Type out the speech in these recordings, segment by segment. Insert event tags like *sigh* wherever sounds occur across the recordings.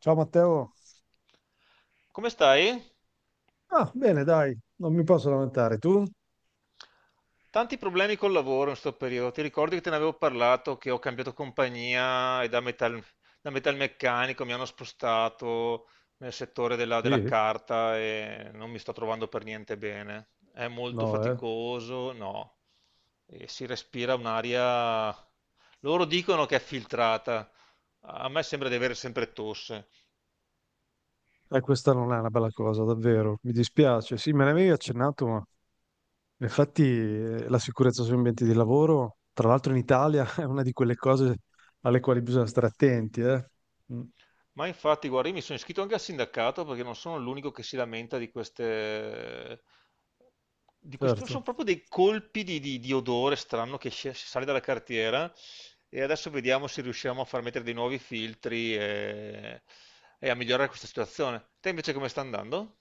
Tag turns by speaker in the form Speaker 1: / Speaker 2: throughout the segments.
Speaker 1: Ciao Matteo.
Speaker 2: Come stai?
Speaker 1: Ah, bene, dai, non mi posso lamentare. Tu?
Speaker 2: Tanti problemi col lavoro in questo periodo. Ti ricordi che te ne avevo parlato, che ho cambiato compagnia e da metalmeccanico mi hanno spostato nel settore della
Speaker 1: Sì,
Speaker 2: carta e non mi sto trovando per niente bene. È molto
Speaker 1: no, eh.
Speaker 2: faticoso, no. E si respira un'aria. Loro dicono che è filtrata. A me sembra di avere sempre tosse.
Speaker 1: Questa non è una bella cosa, davvero. Mi dispiace. Sì, me ne avevi accennato, ma infatti la sicurezza sugli ambienti di lavoro, tra l'altro in Italia, *laughs* è una di quelle cose alle quali bisogna stare attenti, eh. Mm,
Speaker 2: Ma infatti, guarda, io mi sono iscritto anche al sindacato perché non sono l'unico che si lamenta di queste... di questi... Sono
Speaker 1: certo.
Speaker 2: proprio dei colpi di odore strano che sale dalla cartiera e adesso vediamo se riusciamo a far mettere dei nuovi filtri e a migliorare questa situazione. Te invece come sta andando?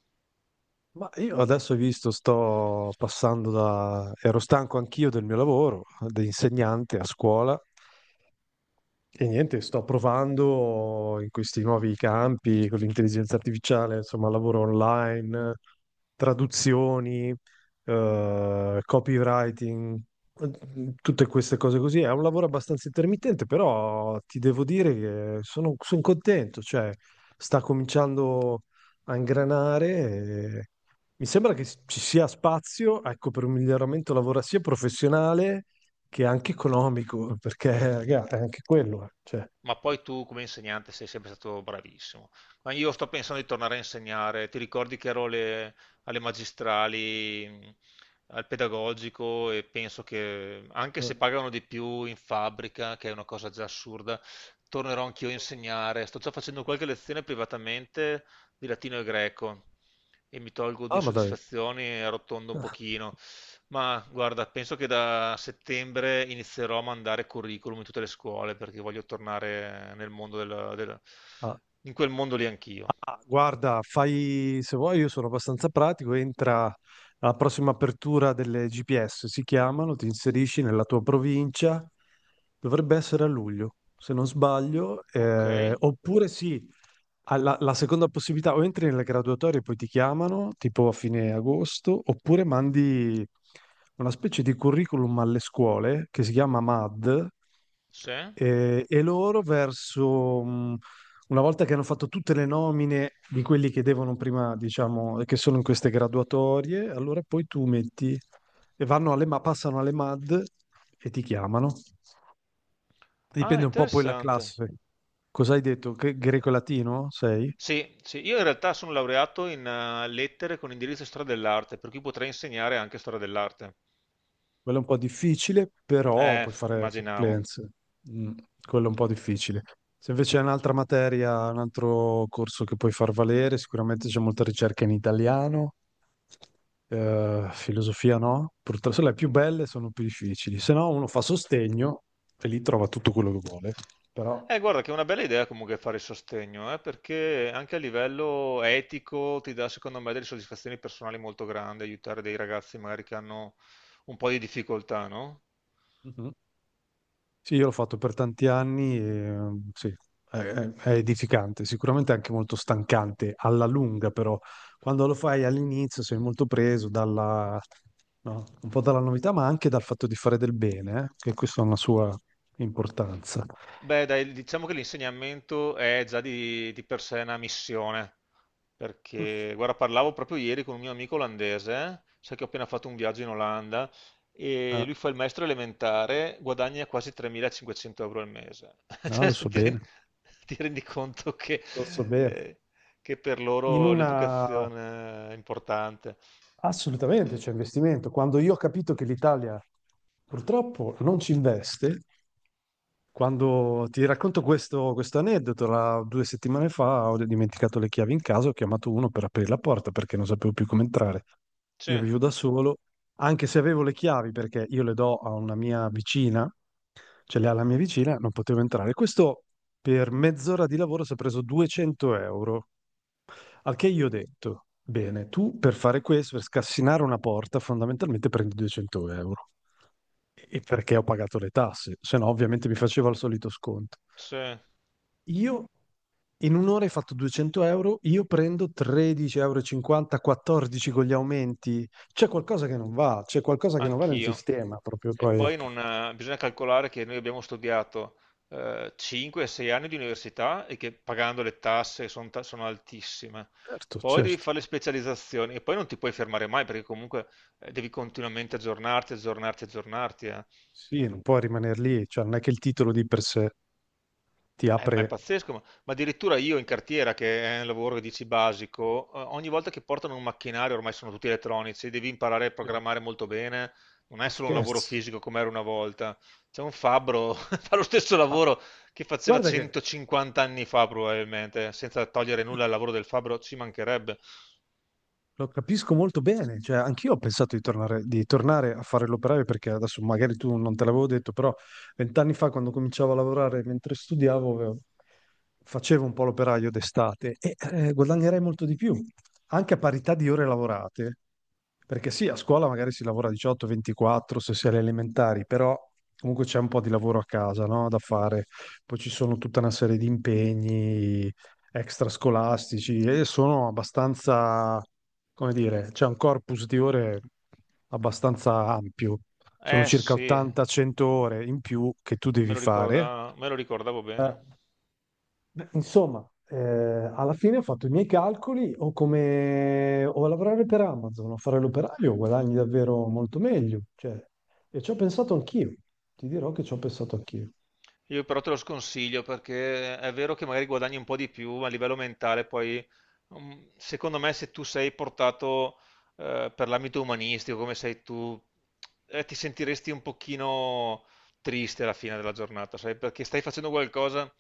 Speaker 1: Ma io adesso ho visto, sto passando da... ero stanco anch'io del mio lavoro, da insegnante a scuola. E niente, sto provando in questi nuovi campi con l'intelligenza artificiale, insomma, lavoro online, traduzioni, copywriting, tutte queste cose così. È un lavoro abbastanza intermittente, però ti devo dire che son contento, cioè sta cominciando a ingranare. E mi sembra che ci sia spazio, ecco, per un miglioramento lavora sia professionale che è anche economico, perché raga, è anche quello, cioè.
Speaker 2: Ma poi tu come insegnante sei sempre stato bravissimo. Ma io sto pensando di tornare a insegnare. Ti ricordi che ero alle magistrali, al pedagogico, e penso che anche se
Speaker 1: Eh.
Speaker 2: pagano di più in fabbrica, che è una cosa già assurda, tornerò anch'io a insegnare. Sto già facendo qualche lezione privatamente di latino e greco e mi tolgo
Speaker 1: Ah,
Speaker 2: due
Speaker 1: ma dai.
Speaker 2: soddisfazioni e arrotondo un pochino. Ma guarda, penso che da settembre inizierò a mandare curriculum in tutte le scuole perché voglio tornare nel mondo
Speaker 1: Ah,
Speaker 2: in quel mondo lì anch'io.
Speaker 1: ah, guarda, fai se vuoi, io sono abbastanza pratico, entra alla prossima apertura delle GPS, si chiamano, ti inserisci nella tua provincia, dovrebbe essere a luglio, se non sbaglio,
Speaker 2: Ok?
Speaker 1: oppure sì, la seconda possibilità o entri nelle graduatorie e poi ti chiamano, tipo a fine agosto, oppure mandi una specie di curriculum alle scuole che si chiama MAD,
Speaker 2: Sì.
Speaker 1: e loro verso, una volta che hanno fatto tutte le nomine di quelli che devono prima, diciamo, e che sono in queste graduatorie, allora poi tu metti e vanno passano alle MAD e ti chiamano.
Speaker 2: Ah,
Speaker 1: Dipende un po' poi la
Speaker 2: interessante.
Speaker 1: classe. Cosa hai detto? Che greco-latino sei?
Speaker 2: Sì, sì, io in realtà sono laureato in lettere con indirizzo storia dell'arte, per cui potrei insegnare anche storia dell'arte.
Speaker 1: Quello è un po' difficile, però puoi fare
Speaker 2: Immaginavo.
Speaker 1: supplenze. Mm, quello è un po' difficile. Se invece è un'altra materia, un altro corso che puoi far valere, sicuramente c'è molta ricerca in italiano. Filosofia no, purtroppo se le più belle sono più difficili, se no uno fa sostegno e lì trova tutto quello che vuole, però...
Speaker 2: Guarda che è una bella idea comunque fare il sostegno, perché anche a livello etico ti dà secondo me delle soddisfazioni personali molto grandi, aiutare dei ragazzi magari che hanno un po' di difficoltà, no?
Speaker 1: Mhm. Sì, io l'ho fatto per tanti anni e mhmm, sì, è edificante, sicuramente anche molto stancante alla lunga, però quando lo fai all'inizio sei molto preso dalla, no, un po' dalla novità, ma anche dal fatto di fare del bene, che questa ha una sua importanza.
Speaker 2: Beh, dai, diciamo che l'insegnamento è già di per sé una missione, perché, guarda, parlavo proprio ieri con un mio amico olandese, sai che ho appena fatto un viaggio in Olanda, e
Speaker 1: Ah,
Speaker 2: lui fa il maestro elementare, guadagna quasi 3.500 euro al mese. *laughs*
Speaker 1: ah,
Speaker 2: Cioè,
Speaker 1: lo
Speaker 2: se
Speaker 1: so
Speaker 2: ti
Speaker 1: bene,
Speaker 2: rendi, ti rendi conto
Speaker 1: lo so bene.
Speaker 2: eh, che per
Speaker 1: In
Speaker 2: loro
Speaker 1: una...
Speaker 2: l'educazione è importante.
Speaker 1: Assolutamente c'è investimento. Quando io ho capito che l'Italia purtroppo non ci investe, quando ti racconto questo aneddoto, 2 settimane fa ho dimenticato le chiavi in casa, ho chiamato uno per aprire la porta perché non sapevo più come entrare. Io
Speaker 2: Sì,
Speaker 1: vivo da solo, anche se avevo le chiavi perché io le do a una mia vicina, ce le ha la mia vicina, non potevo entrare. Questo per mezz'ora di lavoro si è preso 200 euro, al che io ho detto, bene, tu per fare questo, per scassinare una porta, fondamentalmente prendi 200 euro. E perché ho pagato le tasse, se no ovviamente mi faceva il solito sconto.
Speaker 2: sì.
Speaker 1: Io In un'ora hai fatto 200 euro, io prendo 13,50 euro, 14 con gli aumenti. C'è qualcosa che non va, c'è qualcosa che non va nel
Speaker 2: Anch'io.
Speaker 1: sistema, proprio
Speaker 2: E
Speaker 1: poi.
Speaker 2: poi non, bisogna calcolare che noi abbiamo studiato 5-6 anni di università e che pagando le tasse sono altissime.
Speaker 1: Certo,
Speaker 2: Poi devi
Speaker 1: certo.
Speaker 2: fare le specializzazioni e poi non ti puoi fermare mai perché comunque devi continuamente aggiornarti, aggiornarti, aggiornarti. Eh.
Speaker 1: Sì, non può rimanere lì, cioè non è che il titolo di per sé ti apre.
Speaker 2: Ma è pazzesco, ma addirittura io in cartiera, che è un lavoro che dici basico, ogni volta che portano un macchinario, ormai sono tutti elettronici, devi imparare a
Speaker 1: Eh,
Speaker 2: programmare molto bene, non è
Speaker 1: Ma
Speaker 2: solo un lavoro
Speaker 1: scherzi.
Speaker 2: fisico come era una volta. C'è un fabbro, *laughs* fa lo stesso
Speaker 1: Ma
Speaker 2: lavoro che faceva
Speaker 1: guarda che
Speaker 2: 150 anni fa probabilmente, senza togliere nulla al lavoro del fabbro, ci mancherebbe.
Speaker 1: lo capisco molto bene, cioè anch'io ho pensato di tornare a fare l'operaio perché adesso magari tu non te l'avevo detto, però vent'anni fa quando cominciavo a lavorare mentre studiavo facevo un po' l'operaio d'estate e guadagnerei molto di più, anche a parità di ore lavorate, perché sì, a scuola magari si lavora 18-24 se si è alle elementari, però comunque c'è un po' di lavoro a casa, no, da fare, poi ci sono tutta una serie di impegni, extrascolastici e sono abbastanza, come dire, c'è un corpus di ore abbastanza ampio. Sono
Speaker 2: Eh
Speaker 1: circa
Speaker 2: sì,
Speaker 1: 80-100 ore in più che tu devi fare.
Speaker 2: me lo ricordavo bene.
Speaker 1: Beh, insomma, alla fine ho fatto i miei calcoli, o come o a lavorare per Amazon o fare l'operaio, guadagni davvero molto meglio. Cioè, e ci ho pensato anch'io. Ti dirò che ci ho pensato anch'io.
Speaker 2: Io però te lo sconsiglio perché è vero che magari guadagni un po' di più, ma a livello mentale poi, secondo me, se tu sei portato per l'ambito umanistico, come sei tu, ti sentiresti un pochino triste alla fine della giornata, sai? Perché stai facendo qualcosa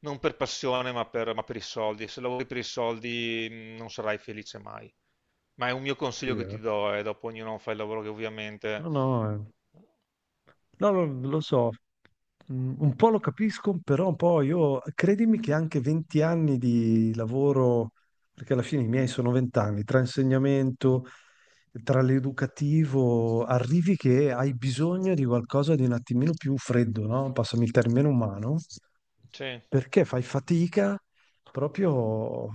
Speaker 2: non per passione, ma per i soldi. Se lavori per i soldi, non sarai felice mai. Ma è un mio
Speaker 1: Sì,
Speaker 2: consiglio che ti
Speaker 1: eh.
Speaker 2: do, e dopo ognuno fa il lavoro che ovviamente...
Speaker 1: No, no, eh. No, no, lo so. Un po' lo capisco, però un po' io, credimi che anche 20 anni di lavoro, perché alla fine i miei sono 20 anni, tra insegnamento, tra l'educativo, arrivi che hai bisogno di qualcosa di un attimino più freddo, no? Passami il termine umano,
Speaker 2: Sì.
Speaker 1: perché fai fatica proprio,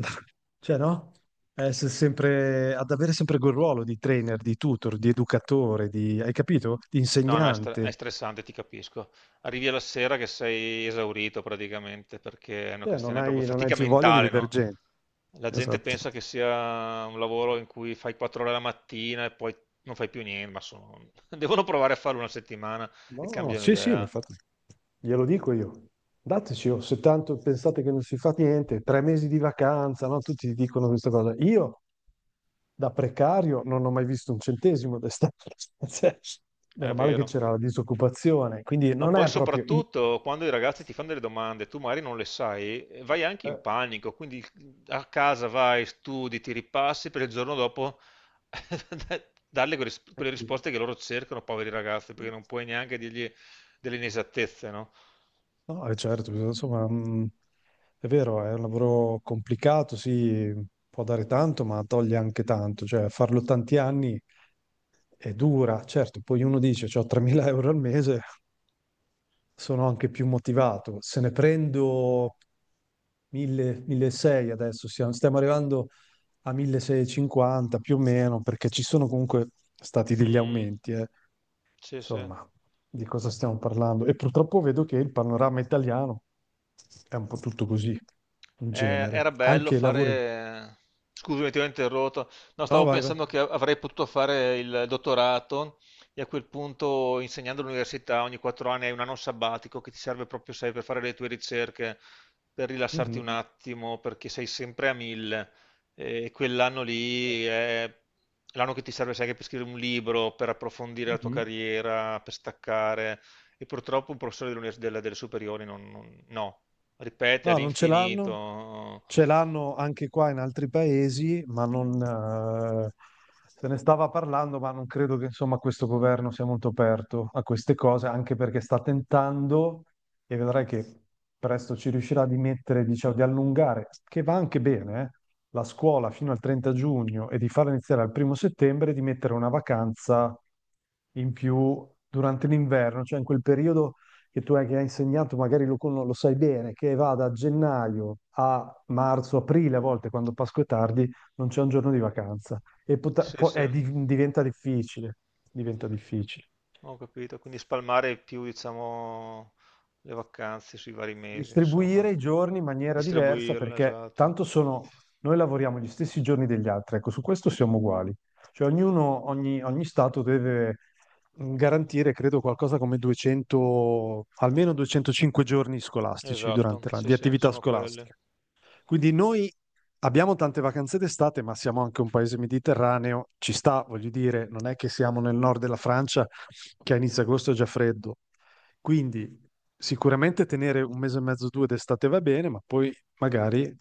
Speaker 1: *laughs* cioè no? A essere sempre, ad avere sempre quel ruolo di trainer, di tutor, di educatore, di, hai capito? Di
Speaker 2: No, no, è
Speaker 1: insegnante.
Speaker 2: stressante, ti capisco. Arrivi alla sera che sei esaurito praticamente, perché è una
Speaker 1: Cioè, non
Speaker 2: questione proprio
Speaker 1: hai, non hai
Speaker 2: fatica
Speaker 1: più voglia di
Speaker 2: mentale,
Speaker 1: vedere
Speaker 2: no?
Speaker 1: gente.
Speaker 2: La gente
Speaker 1: Esatto.
Speaker 2: pensa che sia un lavoro in cui fai 4 ore la mattina e poi non fai più niente, *laughs* devono provare a farlo una settimana e
Speaker 1: No,
Speaker 2: cambiano
Speaker 1: sì, sì, ma
Speaker 2: idea.
Speaker 1: infatti, glielo dico io. Dateci, oh, se tanto pensate che non si fa niente, 3 mesi di vacanza, no? Tutti dicono questa cosa. Io, da precario, non ho mai visto un centesimo d'estate. *laughs* Cioè,
Speaker 2: È
Speaker 1: meno male che
Speaker 2: vero.
Speaker 1: c'era la disoccupazione, quindi
Speaker 2: Ma
Speaker 1: non
Speaker 2: poi
Speaker 1: è proprio... I...
Speaker 2: soprattutto quando i ragazzi ti fanno delle domande, tu magari non le sai, vai anche in panico, quindi a casa vai, studi, ti ripassi per il giorno dopo *laughs* darle quelle risposte che loro cercano, poveri ragazzi, perché non puoi neanche dirgli delle inesattezze, no?
Speaker 1: No, certo, insomma, è vero, è un lavoro complicato, sì, può dare tanto, ma toglie anche tanto, cioè farlo tanti anni è dura, certo, poi uno dice, ho 3.000 euro al mese, sono anche più motivato, se ne prendo 1000, 1600 adesso, stiamo arrivando a 1650 più o meno, perché ci sono comunque stati degli
Speaker 2: Mm,
Speaker 1: aumenti, eh.
Speaker 2: sì, sì.
Speaker 1: Insomma, di cosa stiamo parlando? E purtroppo vedo che il panorama italiano è un po' tutto così, in genere.
Speaker 2: Era bello
Speaker 1: Anche i lavori.
Speaker 2: fare. Scusami, ti ho interrotto. No,
Speaker 1: No,
Speaker 2: stavo
Speaker 1: vai, vai.
Speaker 2: pensando che avrei potuto fare il dottorato e a quel punto, insegnando all'università, ogni 4 anni hai un anno sabbatico che ti serve proprio, sai, per fare le tue ricerche, per rilassarti un
Speaker 1: Mhm.
Speaker 2: attimo, perché sei sempre a mille. E quell'anno
Speaker 1: Certo.
Speaker 2: lì è l'anno che ti serve, sai, anche per scrivere un libro, per approfondire la tua
Speaker 1: Mhm.
Speaker 2: carriera, per staccare. E purtroppo un professore delle superiori no, ripete
Speaker 1: No, non ce l'hanno.
Speaker 2: all'infinito.
Speaker 1: Ce l'hanno anche qua in altri paesi, ma non... se ne stava parlando, ma non credo che insomma questo governo sia molto aperto a queste cose, anche perché sta tentando, e vedrai che presto ci riuscirà, di mettere, diciamo, di allungare, che va anche bene, la scuola fino al 30 giugno e di farla iniziare al primo settembre, di mettere una vacanza in più durante l'inverno, cioè in quel periodo che tu hai insegnato, magari lo sai bene, che va da gennaio a marzo, aprile, a volte quando Pasqua è tardi, non c'è un giorno di vacanza e
Speaker 2: Sì, sì,
Speaker 1: diventa difficile, diventa difficile.
Speaker 2: ho capito. Quindi spalmare più, diciamo, le vacanze sui vari mesi, insomma.
Speaker 1: Distribuire i giorni in maniera diversa
Speaker 2: Distribuirle,
Speaker 1: perché
Speaker 2: esatto.
Speaker 1: tanto sono, noi lavoriamo gli stessi giorni degli altri, ecco, su questo siamo uguali. Cioè ogni stato deve garantire, credo, qualcosa come 200, almeno 205 giorni scolastici
Speaker 2: Esatto,
Speaker 1: durante
Speaker 2: sì,
Speaker 1: di
Speaker 2: sì,
Speaker 1: attività
Speaker 2: sono quelle.
Speaker 1: scolastica. Quindi noi abbiamo tante vacanze d'estate, ma siamo anche un paese mediterraneo, ci sta, voglio dire, non è che siamo nel nord della Francia che a inizio agosto è già freddo. Quindi sicuramente tenere un mese e mezzo, due d'estate va bene, ma poi magari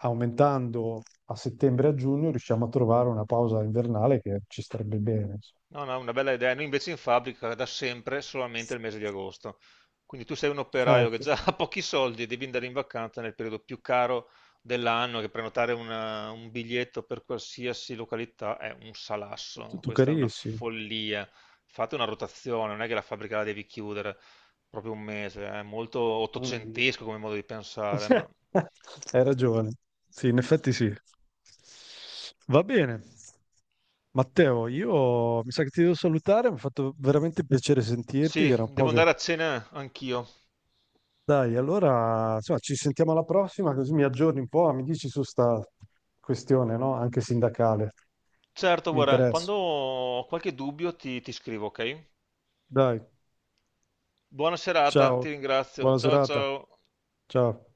Speaker 1: aumentando a settembre e a giugno riusciamo a trovare una pausa invernale che ci starebbe bene. Insomma.
Speaker 2: No, no, una bella idea. Noi invece in fabbrica da sempre solamente il mese di agosto. Quindi tu sei un operaio che
Speaker 1: Ecco,
Speaker 2: già *laughs* ha pochi soldi e devi andare in vacanza nel periodo più caro dell'anno, che prenotare un biglietto per qualsiasi località è un
Speaker 1: è
Speaker 2: salasso.
Speaker 1: tutto
Speaker 2: Questa è una
Speaker 1: carissimo.
Speaker 2: follia. Fate una rotazione, non è che la fabbrica la devi chiudere proprio un mese, è molto
Speaker 1: Mm, mm.
Speaker 2: ottocentesco come modo di pensare,
Speaker 1: *laughs*
Speaker 2: ma
Speaker 1: Hai ragione. Sì, in effetti sì. Va bene. Matteo, io mi sa che ti devo salutare, mi ha fatto veramente piacere sentirti, che
Speaker 2: sì,
Speaker 1: era un po'
Speaker 2: devo
Speaker 1: che...
Speaker 2: andare a cena anch'io.
Speaker 1: Dai, allora, insomma, ci sentiamo alla prossima, così mi aggiorni un po', ah, mi dici su sta questione, no? Anche sindacale.
Speaker 2: Certo,
Speaker 1: Mi
Speaker 2: guarda,
Speaker 1: interessa.
Speaker 2: quando ho qualche dubbio ti scrivo, ok?
Speaker 1: Dai,
Speaker 2: Buona serata,
Speaker 1: ciao,
Speaker 2: ti ringrazio.
Speaker 1: buona
Speaker 2: Ciao
Speaker 1: serata.
Speaker 2: ciao.
Speaker 1: Ciao.